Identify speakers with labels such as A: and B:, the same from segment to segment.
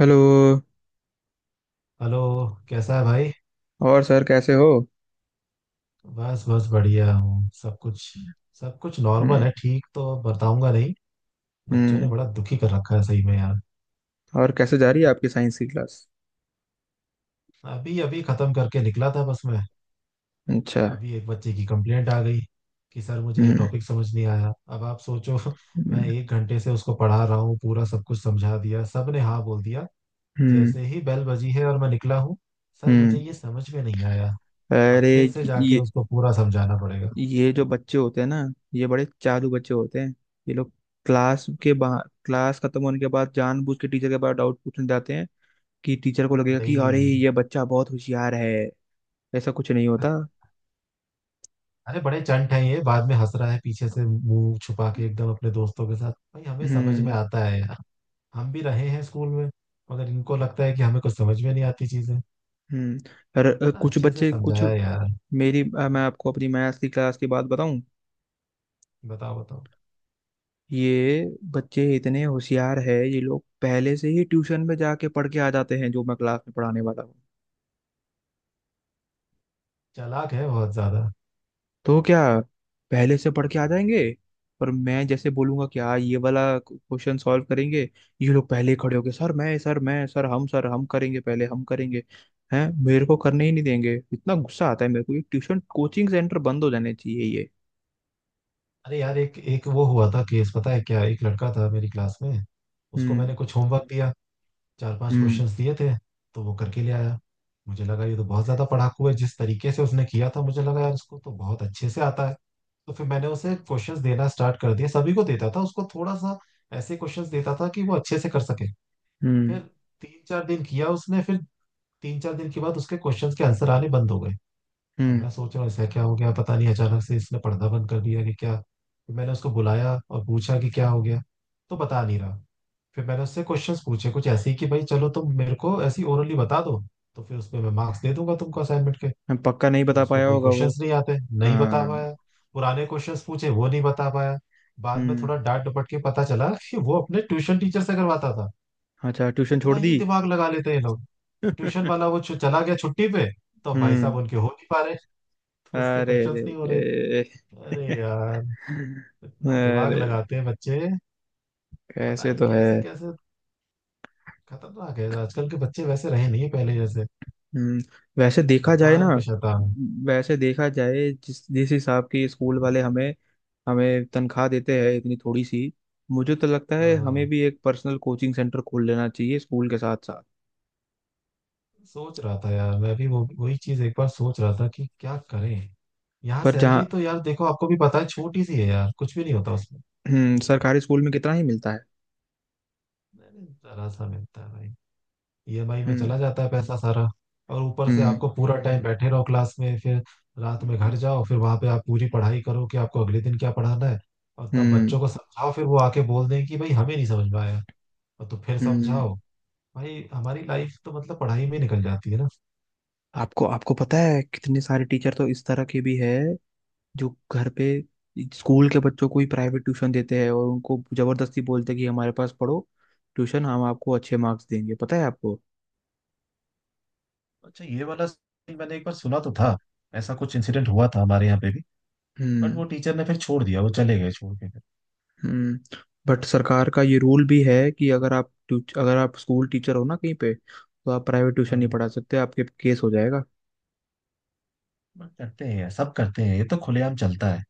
A: Hello.
B: Hello. कैसा है भाई?
A: और सर कैसे हो?
B: बस बस बढ़िया हूँ, सब कुछ नॉर्मल है,
A: हम्म।
B: ठीक तो बताऊंगा नहीं। बच्चों ने
A: हम्म।
B: बड़ा दुखी कर रखा है सही में यार।
A: और कैसे जा रही है आपकी साइंस की क्लास?
B: अभी अभी खत्म करके निकला था बस मैं।
A: अच्छा।
B: अभी एक बच्चे की कंप्लेंट आ गई कि सर मुझे ये
A: हम्म।
B: टॉपिक समझ नहीं आया, अब आप सोचो। मैं
A: हम्म।
B: 1 घंटे से उसको पढ़ा रहा हूँ, पूरा सब कुछ समझा दिया, सब ने हाँ बोल दिया।
A: हम्म।
B: जैसे ही बेल बजी है और मैं निकला हूँ, सर मुझे
A: हम्म।
B: ये समझ में नहीं आया। अब
A: अरे,
B: फिर से जाके
A: ये
B: उसको पूरा समझाना पड़ेगा।
A: ये जो बच्चे होते हैं ना, ये बड़े चालू बच्चे होते हैं। ये लोग क्लास के बाहर, क्लास खत्म होने के बाद जानबूझ के टीचर के पास डाउट पूछने जाते हैं कि टीचर को लगेगा कि अरे
B: वही।
A: ये बच्चा बहुत होशियार है। ऐसा कुछ नहीं होता।
B: अरे बड़े चंट हैं ये, बाद में हंस रहा है पीछे से मुंह छुपा के एकदम अपने दोस्तों के साथ, भाई हमें समझ में
A: हम्म।
B: आता है यार। हम भी रहे हैं स्कूल में, मगर इनको लगता है कि हमें कुछ समझ में नहीं आती चीजें।
A: हम्म। अरे,
B: इतना
A: कुछ
B: अच्छे से
A: बच्चे कुछ।
B: समझाया यार।
A: मैं आपको अपनी मैथ्स की क्लास की बात बताऊं।
B: बताओ बताओ।
A: ये बच्चे इतने होशियार है, ये लोग पहले से ही ट्यूशन में जाके पढ़ के आ जाते हैं जो मैं क्लास में पढ़ाने वाला हूँ।
B: चालाक है बहुत ज्यादा।
A: तो क्या, पहले से पढ़ के आ जाएंगे। पर मैं जैसे बोलूंगा कि हाँ, ये वाला क्वेश्चन सॉल्व करेंगे, ये लोग पहले ही खड़े होंगे, सर मैं, सर मैं, सर हम, सर हम करेंगे, पहले हम करेंगे। हैं, मेरे को करने ही नहीं देंगे, इतना गुस्सा आता है मेरे को, ये ट्यूशन कोचिंग सेंटर बंद हो जाने चाहिए ये।
B: अरे यार एक एक वो हुआ था केस, पता है क्या, एक लड़का था मेरी क्लास में, उसको
A: हम्म।
B: मैंने कुछ होमवर्क दिया। चार पांच
A: हम्म।
B: क्वेश्चंस दिए थे। तो वो करके ले आया। मुझे लगा ये तो बहुत ज्यादा पढ़ाकू है, जिस तरीके से उसने किया था मुझे लगा यार इसको तो बहुत अच्छे से आता है। तो फिर मैंने उसे क्वेश्चंस देना स्टार्ट कर दिया, सभी को देता था, उसको थोड़ा सा ऐसे क्वेश्चंस देता था कि वो अच्छे से कर सके। फिर
A: हम्म।
B: तीन चार दिन किया उसने। फिर 3-4 दिन के बाद उसके क्वेश्चंस के आंसर आने बंद हो गए। अब
A: हम्म।
B: मैं सोच रहा हूँ ऐसा क्या हो गया, पता नहीं अचानक से इसने पढ़ना बंद कर दिया कि क्या। फिर मैंने उसको बुलाया और पूछा कि क्या हो गया। तो बता नहीं रहा। फिर मैंने उससे क्वेश्चंस पूछे कुछ ऐसे ही कि भाई चलो तुम मेरे को ऐसी ओरली बता दो, तो फिर उसमें मैं मार्क्स दे दूंगा तुमको असाइनमेंट के।
A: पक्का नहीं
B: तो
A: बता
B: उसको
A: पाया
B: कोई
A: होगा वो।
B: क्वेश्चंस नहीं आते, नहीं बता
A: हाँ।
B: पाया। पुराने क्वेश्चंस पूछे वो नहीं बता पाया। बाद में
A: हम्म।
B: थोड़ा डांट डपट के पता चला कि वो अपने ट्यूशन टीचर से करवाता था।
A: अच्छा, ट्यूशन
B: कितना
A: छोड़ दी?
B: ही दिमाग लगा लेते हैं ये लोग। ट्यूशन
A: हम्म।
B: वाला वो चला गया छुट्टी पे, तो अब भाई साहब उनके हो नहीं पा रहे, तो उसके
A: अरे रे
B: क्वेश्चंस नहीं हो रहे।
A: रे।
B: अरे यार, इतना दिमाग
A: अरे,
B: लगाते हैं बच्चे। पता
A: कैसे
B: नहीं
A: तो है।
B: कैसे कैसे। खतरनाक है आजकल के बच्चे, वैसे रहे नहीं पहले जैसे।
A: हम्म। वैसे देखा जाए ना।
B: शैतान पे शैतान।
A: वैसे देखा जाए, जिस जिस हिसाब की स्कूल वाले हमें हमें तनख्वाह देते हैं, इतनी थोड़ी सी। मुझे तो लगता है हमें
B: हाँ,
A: भी एक पर्सनल कोचिंग सेंटर खोल लेना चाहिए स्कूल के साथ साथ।
B: सोच रहा था यार मैं भी वो वही चीज, एक बार सोच रहा था कि क्या करें। यहाँ
A: पर
B: सैलरी
A: जहाँ।
B: तो यार देखो आपको भी पता है छोटी सी है यार, कुछ भी नहीं होता उसमें।
A: हम्म। सरकारी स्कूल में कितना ही मिलता है।
B: मैंने जरा सा मिलता है भाई, ईएमआई में चला
A: हम्म।
B: जाता है पैसा सारा। और ऊपर से
A: हम्म।
B: आपको पूरा टाइम बैठे रहो क्लास में, फिर रात में घर जाओ, फिर वहां पे आप पूरी पढ़ाई करो कि आपको अगले दिन क्या पढ़ाना है। और तब बच्चों
A: हम्म।
B: को समझाओ, फिर वो आके बोल दें कि भाई हमें नहीं समझ में आया। और तो फिर
A: हम्म।
B: समझाओ। भाई हमारी लाइफ तो मतलब पढ़ाई में निकल जाती है ना।
A: आपको आपको पता है कितने सारे टीचर तो इस तरह के भी है, जो घर पे स्कूल के बच्चों को ही प्राइवेट ट्यूशन देते हैं और उनको जबरदस्ती बोलते हैं कि हमारे पास पढ़ो ट्यूशन, हम आपको अच्छे मार्क्स देंगे, पता है आपको।
B: अच्छा, ये वाला सीन मैंने एक बार सुना तो था। ऐसा कुछ इंसिडेंट हुआ था हमारे यहाँ पे भी। बट
A: हम्म।
B: वो टीचर ने फिर छोड़ दिया, वो चले गए छोड़ के फिर।
A: हम्म। बट सरकार का ये रूल भी है कि अगर आप अगर आप स्कूल टीचर हो ना कहीं पे, तो आप प्राइवेट ट्यूशन नहीं
B: हाँ।
A: पढ़ा सकते, आपके केस हो जाएगा।
B: बट करते हैं यार, सब करते हैं, ये तो खुलेआम चलता है।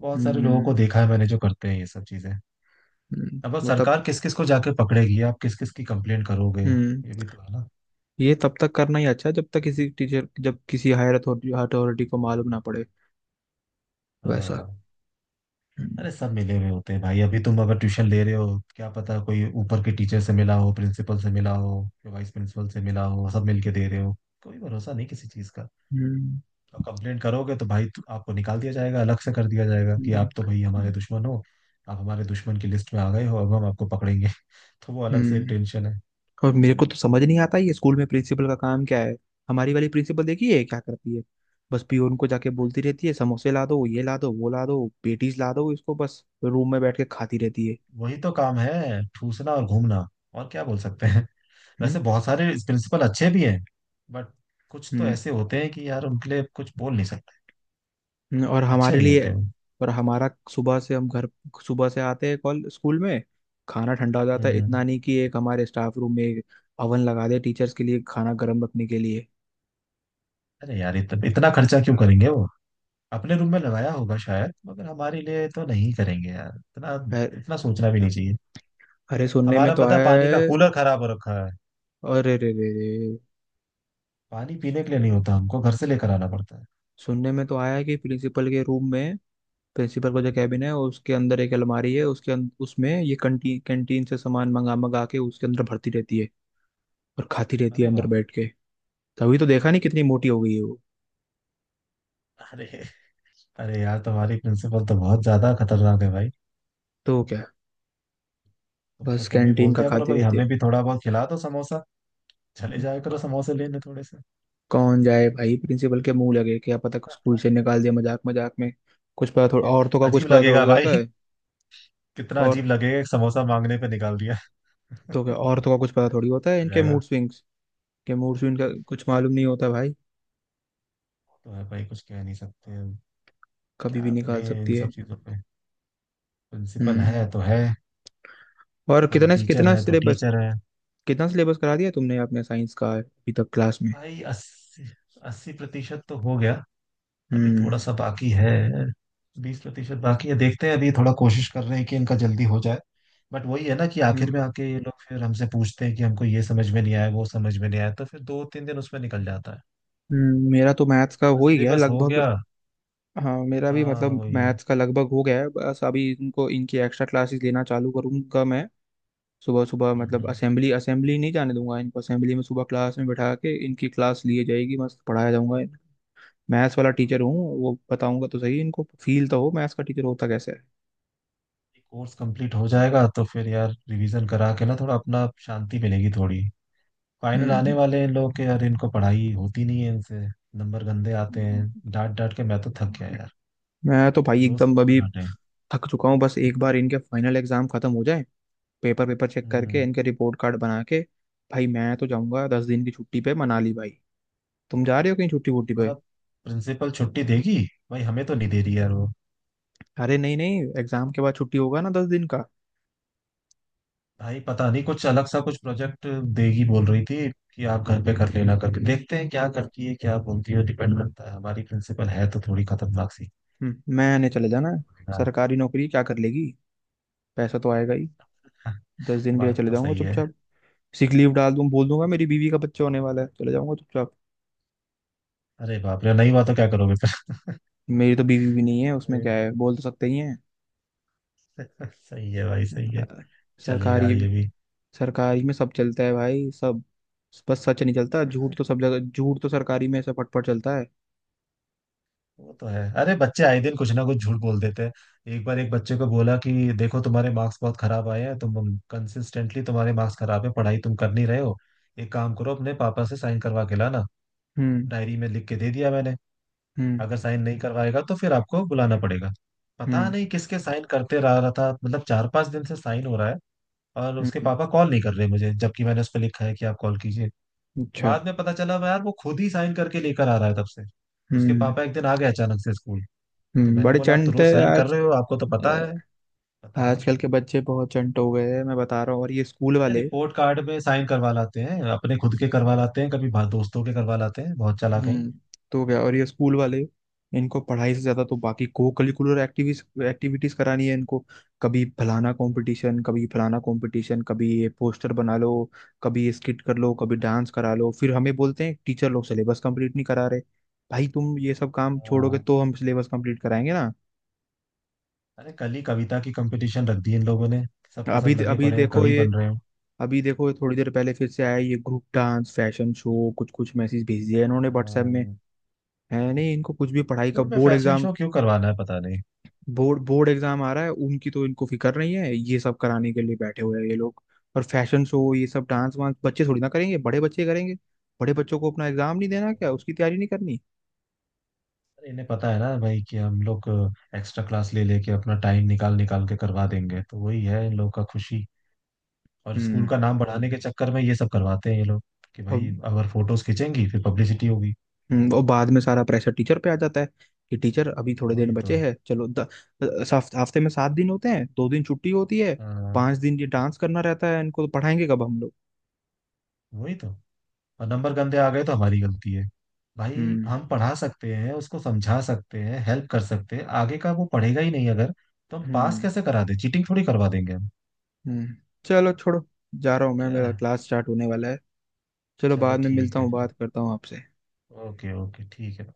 B: बहुत सारे लोगों
A: हम्म।
B: को देखा है मैंने जो करते हैं ये सब चीजें।
A: हम्म,
B: अब
A: मतलब।
B: सरकार किस किस को जाके पकड़ेगी, आप किस किस की कंप्लेंट करोगे,
A: हम्म।
B: ये भी तो है ना।
A: ये तब तक करना ही अच्छा है जब तक किसी टीचर, जब किसी हायर अथॉरिटी अथॉरिटी को मालूम ना पड़े। वैसा।
B: हाँ। अरे
A: हम्म।
B: सब मिले हुए होते हैं भाई, अभी तुम अगर ट्यूशन ले रहे हो क्या पता कोई ऊपर के टीचर से मिला हो, प्रिंसिपल से मिला हो, वाइस प्रिंसिपल से मिला हो, सब मिलके दे रहे हो। कोई भरोसा नहीं किसी चीज का।
A: हम्म।
B: तो कंप्लेंट करोगे तो भाई आपको निकाल दिया जाएगा, अलग से कर दिया जाएगा कि
A: हम्म।
B: आप तो भाई हमारे दुश्मन हो। आप हमारे दुश्मन की लिस्ट में आ गए हो, अब हम आपको पकड़ेंगे। तो वो अलग से एक
A: हम्म।
B: टेंशन है।
A: और मेरे को तो समझ नहीं आता ये स्कूल में प्रिंसिपल का काम क्या है। हमारी वाली प्रिंसिपल देखी है क्या करती है? बस पियोन को जाके बोलती रहती है, समोसे ला दो, ये ला दो, वो ला दो, पेटीज ला दो इसको, बस रूम में बैठ के खाती रहती है।
B: वही तो काम है, ठूसना और घूमना। और क्या बोल सकते हैं?
A: हम्म।
B: वैसे बहुत सारे प्रिंसिपल अच्छे भी हैं, बट कुछ तो
A: हम्म।
B: ऐसे होते हैं कि यार उनके लिए कुछ बोल नहीं सकते।
A: और
B: अच्छे
A: हमारे
B: नहीं
A: लिए।
B: होते वो।
A: और हमारा सुबह से, हम घर, सुबह से आते हैं कॉल स्कूल में, खाना ठंडा हो जाता है।
B: हम्म।
A: इतना नहीं कि एक हमारे स्टाफ रूम में एक अवन लगा दे टीचर्स के लिए, खाना गर्म रखने के लिए।
B: अरे यार इतना इतना खर्चा क्यों करेंगे वो? अपने रूम में लगाया होगा शायद, मगर हमारे लिए तो नहीं करेंगे यार इतना।
A: अ-
B: इतना सोचना भी नहीं चाहिए।
A: अरे सुनने में
B: हमारा
A: तो
B: पता है
A: आया
B: पानी का
A: है।
B: कूलर खराब हो रखा है।
A: अरे रे रे रे।
B: पानी पीने के लिए नहीं होता, हमको घर से लेकर आना पड़ता है।
A: सुनने में तो आया है कि प्रिंसिपल के रूम में, प्रिंसिपल का जो कैबिन है उसके अंदर एक अलमारी है, उसमें ये कंटी कैंटीन से सामान मंगा मंगा के उसके अंदर भरती रहती है और खाती रहती है
B: अरे
A: अंदर
B: वाह।
A: बैठ के। तभी तो देखा नहीं कितनी मोटी हो गई है वो।
B: अरे। अरे यार तुम्हारी प्रिंसिपल तो बहुत ज्यादा खतरनाक है भाई।
A: तो क्या,
B: तो फिर
A: बस
B: तुम भी
A: कैंटीन
B: बोल
A: का
B: दिया करो
A: खाती
B: भाई
A: रहती
B: हमें
A: है।
B: भी थोड़ा बहुत खिला दो समोसा। चले जाया करो समोसे लेने थोड़े से।
A: कौन जाए भाई प्रिंसिपल के मुंह लगे, क्या पता स्कूल से निकाल दिया मजाक मजाक में, कुछ पता थोड़ा,
B: ये
A: औरतों का कुछ
B: अजीब
A: पता
B: लगेगा
A: थोड़ी होता
B: भाई।
A: है।
B: कितना
A: और,
B: अजीब लगेगा, एक समोसा मांगने पे निकाल दिया।
A: तो क्या,
B: अजीब
A: औरतों का कुछ पता थोड़ी
B: सा
A: होता है,
B: ही हो
A: इनके
B: जाएगा।
A: मूड स्विंग्स के मूड स्विंग का कुछ मालूम नहीं होता भाई,
B: तो है भाई कुछ कह नहीं सकते हम।
A: कभी भी
B: क्या
A: निकाल
B: बोले इन
A: सकती
B: सब
A: है।
B: चीजों पे? प्रिंसिपल है
A: हम्म।
B: तो है,
A: और
B: हम
A: कितने
B: टीचर
A: कितना
B: है तो
A: सिलेबस,
B: टीचर है।
A: कितना सिलेबस करा दिया तुमने अपने साइंस का अभी तक क्लास में?
B: भाई अस्सी 80% तो हो गया। अभी थोड़ा
A: हम्म।
B: सा बाकी है। 20% बाकी है, देखते हैं, अभी थोड़ा कोशिश कर रहे हैं कि इनका जल्दी हो जाए। बट वही है ना कि आखिर में
A: हम्म।
B: आके ये लोग फिर हमसे पूछते हैं कि हमको ये समझ में नहीं आया वो समझ में नहीं आया, तो फिर 2-3 दिन उसमें निकल जाता है।
A: मेरा तो मैथ्स का हो ही गया
B: सिलेबस हो
A: लगभग।
B: गया।
A: हाँ मेरा भी
B: हाँ
A: मतलब
B: वही।
A: मैथ्स का लगभग हो गया है, बस अभी इनको इनकी एक्स्ट्रा क्लासेस लेना चालू करूंगा मैं। सुबह सुबह, मतलब
B: हम्म।
A: असेंबली, असेंबली नहीं जाने दूंगा इनको, असेंबली में सुबह क्लास में बैठा के इनकी क्लास लिए जाएगी, मस्त पढ़ाया जाऊंगा। मैथ्स वाला टीचर हूँ, वो बताऊंगा तो सही इनको, फील तो हो मैथ्स का टीचर होता कैसे है।
B: कोर्स कंप्लीट हो जाएगा तो फिर यार रिवीजन करा के ना थोड़ा अपना शांति मिलेगी थोड़ी। फाइनल आने
A: हम्म।
B: वाले हैं लोग के यार, इनको पढ़ाई होती नहीं है इनसे। नंबर गंदे आते हैं। डांट डांट के मैं तो थक गया यार,
A: मैं तो भाई
B: रोज
A: एकदम
B: कितना
A: अभी
B: डांटे?
A: थक चुका हूँ, बस एक बार इनके फाइनल एग्जाम खत्म हो जाए, पेपर पेपर चेक करके
B: हम्म।
A: इनके रिपोर्ट कार्ड बना के, भाई मैं तो जाऊंगा 10 दिन की छुट्टी पे मनाली भाई। तुम जा रहे हो कहीं छुट्टी वुट्टी
B: हमारा
A: पे?
B: प्रिंसिपल छुट्टी देगी? भाई हमें तो नहीं दे रही यार वो।
A: अरे नहीं नहीं, एग्जाम के बाद छुट्टी होगा ना 10 दिन का।
B: भाई पता नहीं कुछ अलग सा कुछ प्रोजेक्ट देगी बोल रही थी, कि आप घर पे कर लेना। करके देखते हैं क्या करती है क्या बोलती है, डिपेंड करता है, हमारी प्रिंसिपल है तो थोड़ी खतरनाक सी।
A: मैंने चले जाना है।
B: देखना पड़ेगा।
A: सरकारी नौकरी क्या कर लेगी, पैसा तो आएगा ही। 10 दिन के लिए
B: बात
A: चले
B: तो
A: जाऊंगा
B: सही है।
A: चुपचाप, सिक लीव डाल दूं, बोल दूंगा मेरी बीवी का बच्चा होने वाला है, चले जाऊंगा चुपचाप।
B: अरे बाप रे, नहीं हुआ तो क्या करोगे फिर?
A: मेरी तो बीवी भी नहीं है, उसमें
B: अरे,
A: क्या है, बोल तो सकते ही हैं।
B: सही है भाई सही है।
A: अ,
B: चलेगा
A: सरकारी,
B: ये भी।
A: सरकारी में सब चलता है भाई, सब। बस सच नहीं चलता, झूठ तो सब जगह, झूठ तो सरकारी में ऐसा फटफट चलता है।
B: वो तो है, अरे बच्चे आए दिन कुछ ना कुछ झूठ बोल देते हैं। एक बार एक बच्चे को बोला कि देखो तुम्हारे मार्क्स बहुत खराब आए हैं, तुम कंसिस्टेंटली तुम्हारे मार्क्स खराब है, पढ़ाई तुम कर नहीं रहे हो, एक काम करो अपने पापा से साइन करवा के लाना।
A: हम्म।
B: डायरी में लिख के दे दिया मैंने।
A: हम्म।
B: अगर साइन नहीं करवाएगा तो फिर आपको बुलाना पड़ेगा। पता
A: हम्म।
B: नहीं किसके साइन करते रह रहा था, मतलब 4-5 दिन से साइन हो रहा है और उसके
A: हम्म,
B: पापा कॉल नहीं कर रहे मुझे, जबकि मैंने उस पर लिखा है कि आप कॉल कीजिए।
A: अच्छा।
B: बाद में पता चला यार वो खुद ही साइन करके लेकर आ रहा है तब से। उसके
A: हम्म।
B: पापा एक दिन आ गए अचानक से स्कूल। तो
A: हम्म,
B: मैंने
A: बड़े
B: बोला आप तो
A: चंट है
B: रोज साइन कर
A: आज।
B: रहे हो आपको तो पता है,
A: अ,
B: बताओ।
A: आजकल के बच्चे बहुत चंट हो गए हैं, मैं बता रहा हूँ, और ये स्कूल
B: अरे
A: वाले।
B: रिपोर्ट कार्ड में साइन करवा लाते हैं अपने खुद के करवा लाते हैं, कभी दोस्तों के करवा लाते हैं, बहुत चालाक हैं ये।
A: हम्म। तो क्या, और ये स्कूल वाले, इनको पढ़ाई से ज्यादा तो बाकी को करिकुलर एक्टिविटीज एक्टिविटीज करानी है इनको। कभी फलाना कंपटीशन, कभी फलाना कंपटीशन, कभी ये पोस्टर बना लो, कभी ये स्किट कर लो, कभी डांस करा लो, फिर हमें बोलते हैं टीचर लोग सिलेबस कंप्लीट नहीं करा रहे। भाई तुम ये सब काम छोड़ोगे
B: हाँ।
A: तो हम सिलेबस कंप्लीट कराएंगे ना।
B: अरे कल ही कविता की कंपटीशन रख दी इन लोगों ने, सबके
A: अभी
B: सब लगे
A: अभी
B: पड़े हैं
A: देखो
B: कवि
A: ये,
B: बन रहे हो।
A: अभी देखो थोड़ी देर पहले फिर से आया ये ग्रुप डांस, फैशन शो, कुछ कुछ मैसेज भेज दिया इन्होंने व्हाट्सएप में।
B: हाँ,
A: है नहीं इनको कुछ भी पढ़ाई का,
B: स्कूल में
A: बोर्ड
B: फैशन
A: एग्जाम,
B: शो क्यों करवाना है पता नहीं।
A: बोर्ड बोर्ड एग्जाम आ रहा है उनकी, तो इनको फिक्र नहीं है, ये सब कराने के लिए बैठे हुए हैं ये लोग। और फैशन शो, ये सब डांस वांस बच्चे थोड़ी ना करेंगे, बड़े बच्चे करेंगे। बड़े बच्चों को अपना एग्जाम नहीं देना क्या, उसकी तैयारी नहीं करनी?
B: अरे इन्हें पता है ना भाई कि हम लोग एक्स्ट्रा क्लास ले लेके अपना टाइम निकाल निकाल के करवा देंगे, तो वही है इन लोग का खुशी। और स्कूल
A: हम्म।
B: का नाम बढ़ाने के चक्कर में ये सब करवाते हैं ये लोग, कि
A: और
B: भाई अगर फोटोज खींचेंगी फिर पब्लिसिटी होगी।
A: और बाद में सारा प्रेशर टीचर पे आ जाता है कि टीचर अभी थोड़े दिन
B: वही
A: बचे
B: तो।
A: हैं, हफ्ते में 7 दिन होते हैं, 2 दिन छुट्टी होती है,
B: हाँ,
A: 5 दिन ये डांस करना रहता है, इनको तो पढ़ाएंगे कब हम लोग।
B: वही तो। और नंबर गंदे आ गए तो हमारी गलती है। भाई
A: हम्म।
B: हम पढ़ा सकते हैं, उसको समझा सकते हैं, हेल्प कर सकते हैं, आगे का वो पढ़ेगा ही नहीं अगर। तो हम पास
A: हम्म।
B: कैसे करा दे? चीटिंग थोड़ी करवा देंगे हम।
A: हम्म। चलो छोड़ो, जा रहा हूँ मैं,
B: क्या
A: मेरा
B: है?
A: क्लास स्टार्ट होने वाला है। चलो
B: चलो
A: बाद में
B: ठीक
A: मिलता हूँ,
B: है फिर।
A: बात करता हूँ आपसे।
B: ओके ओके ठीक है।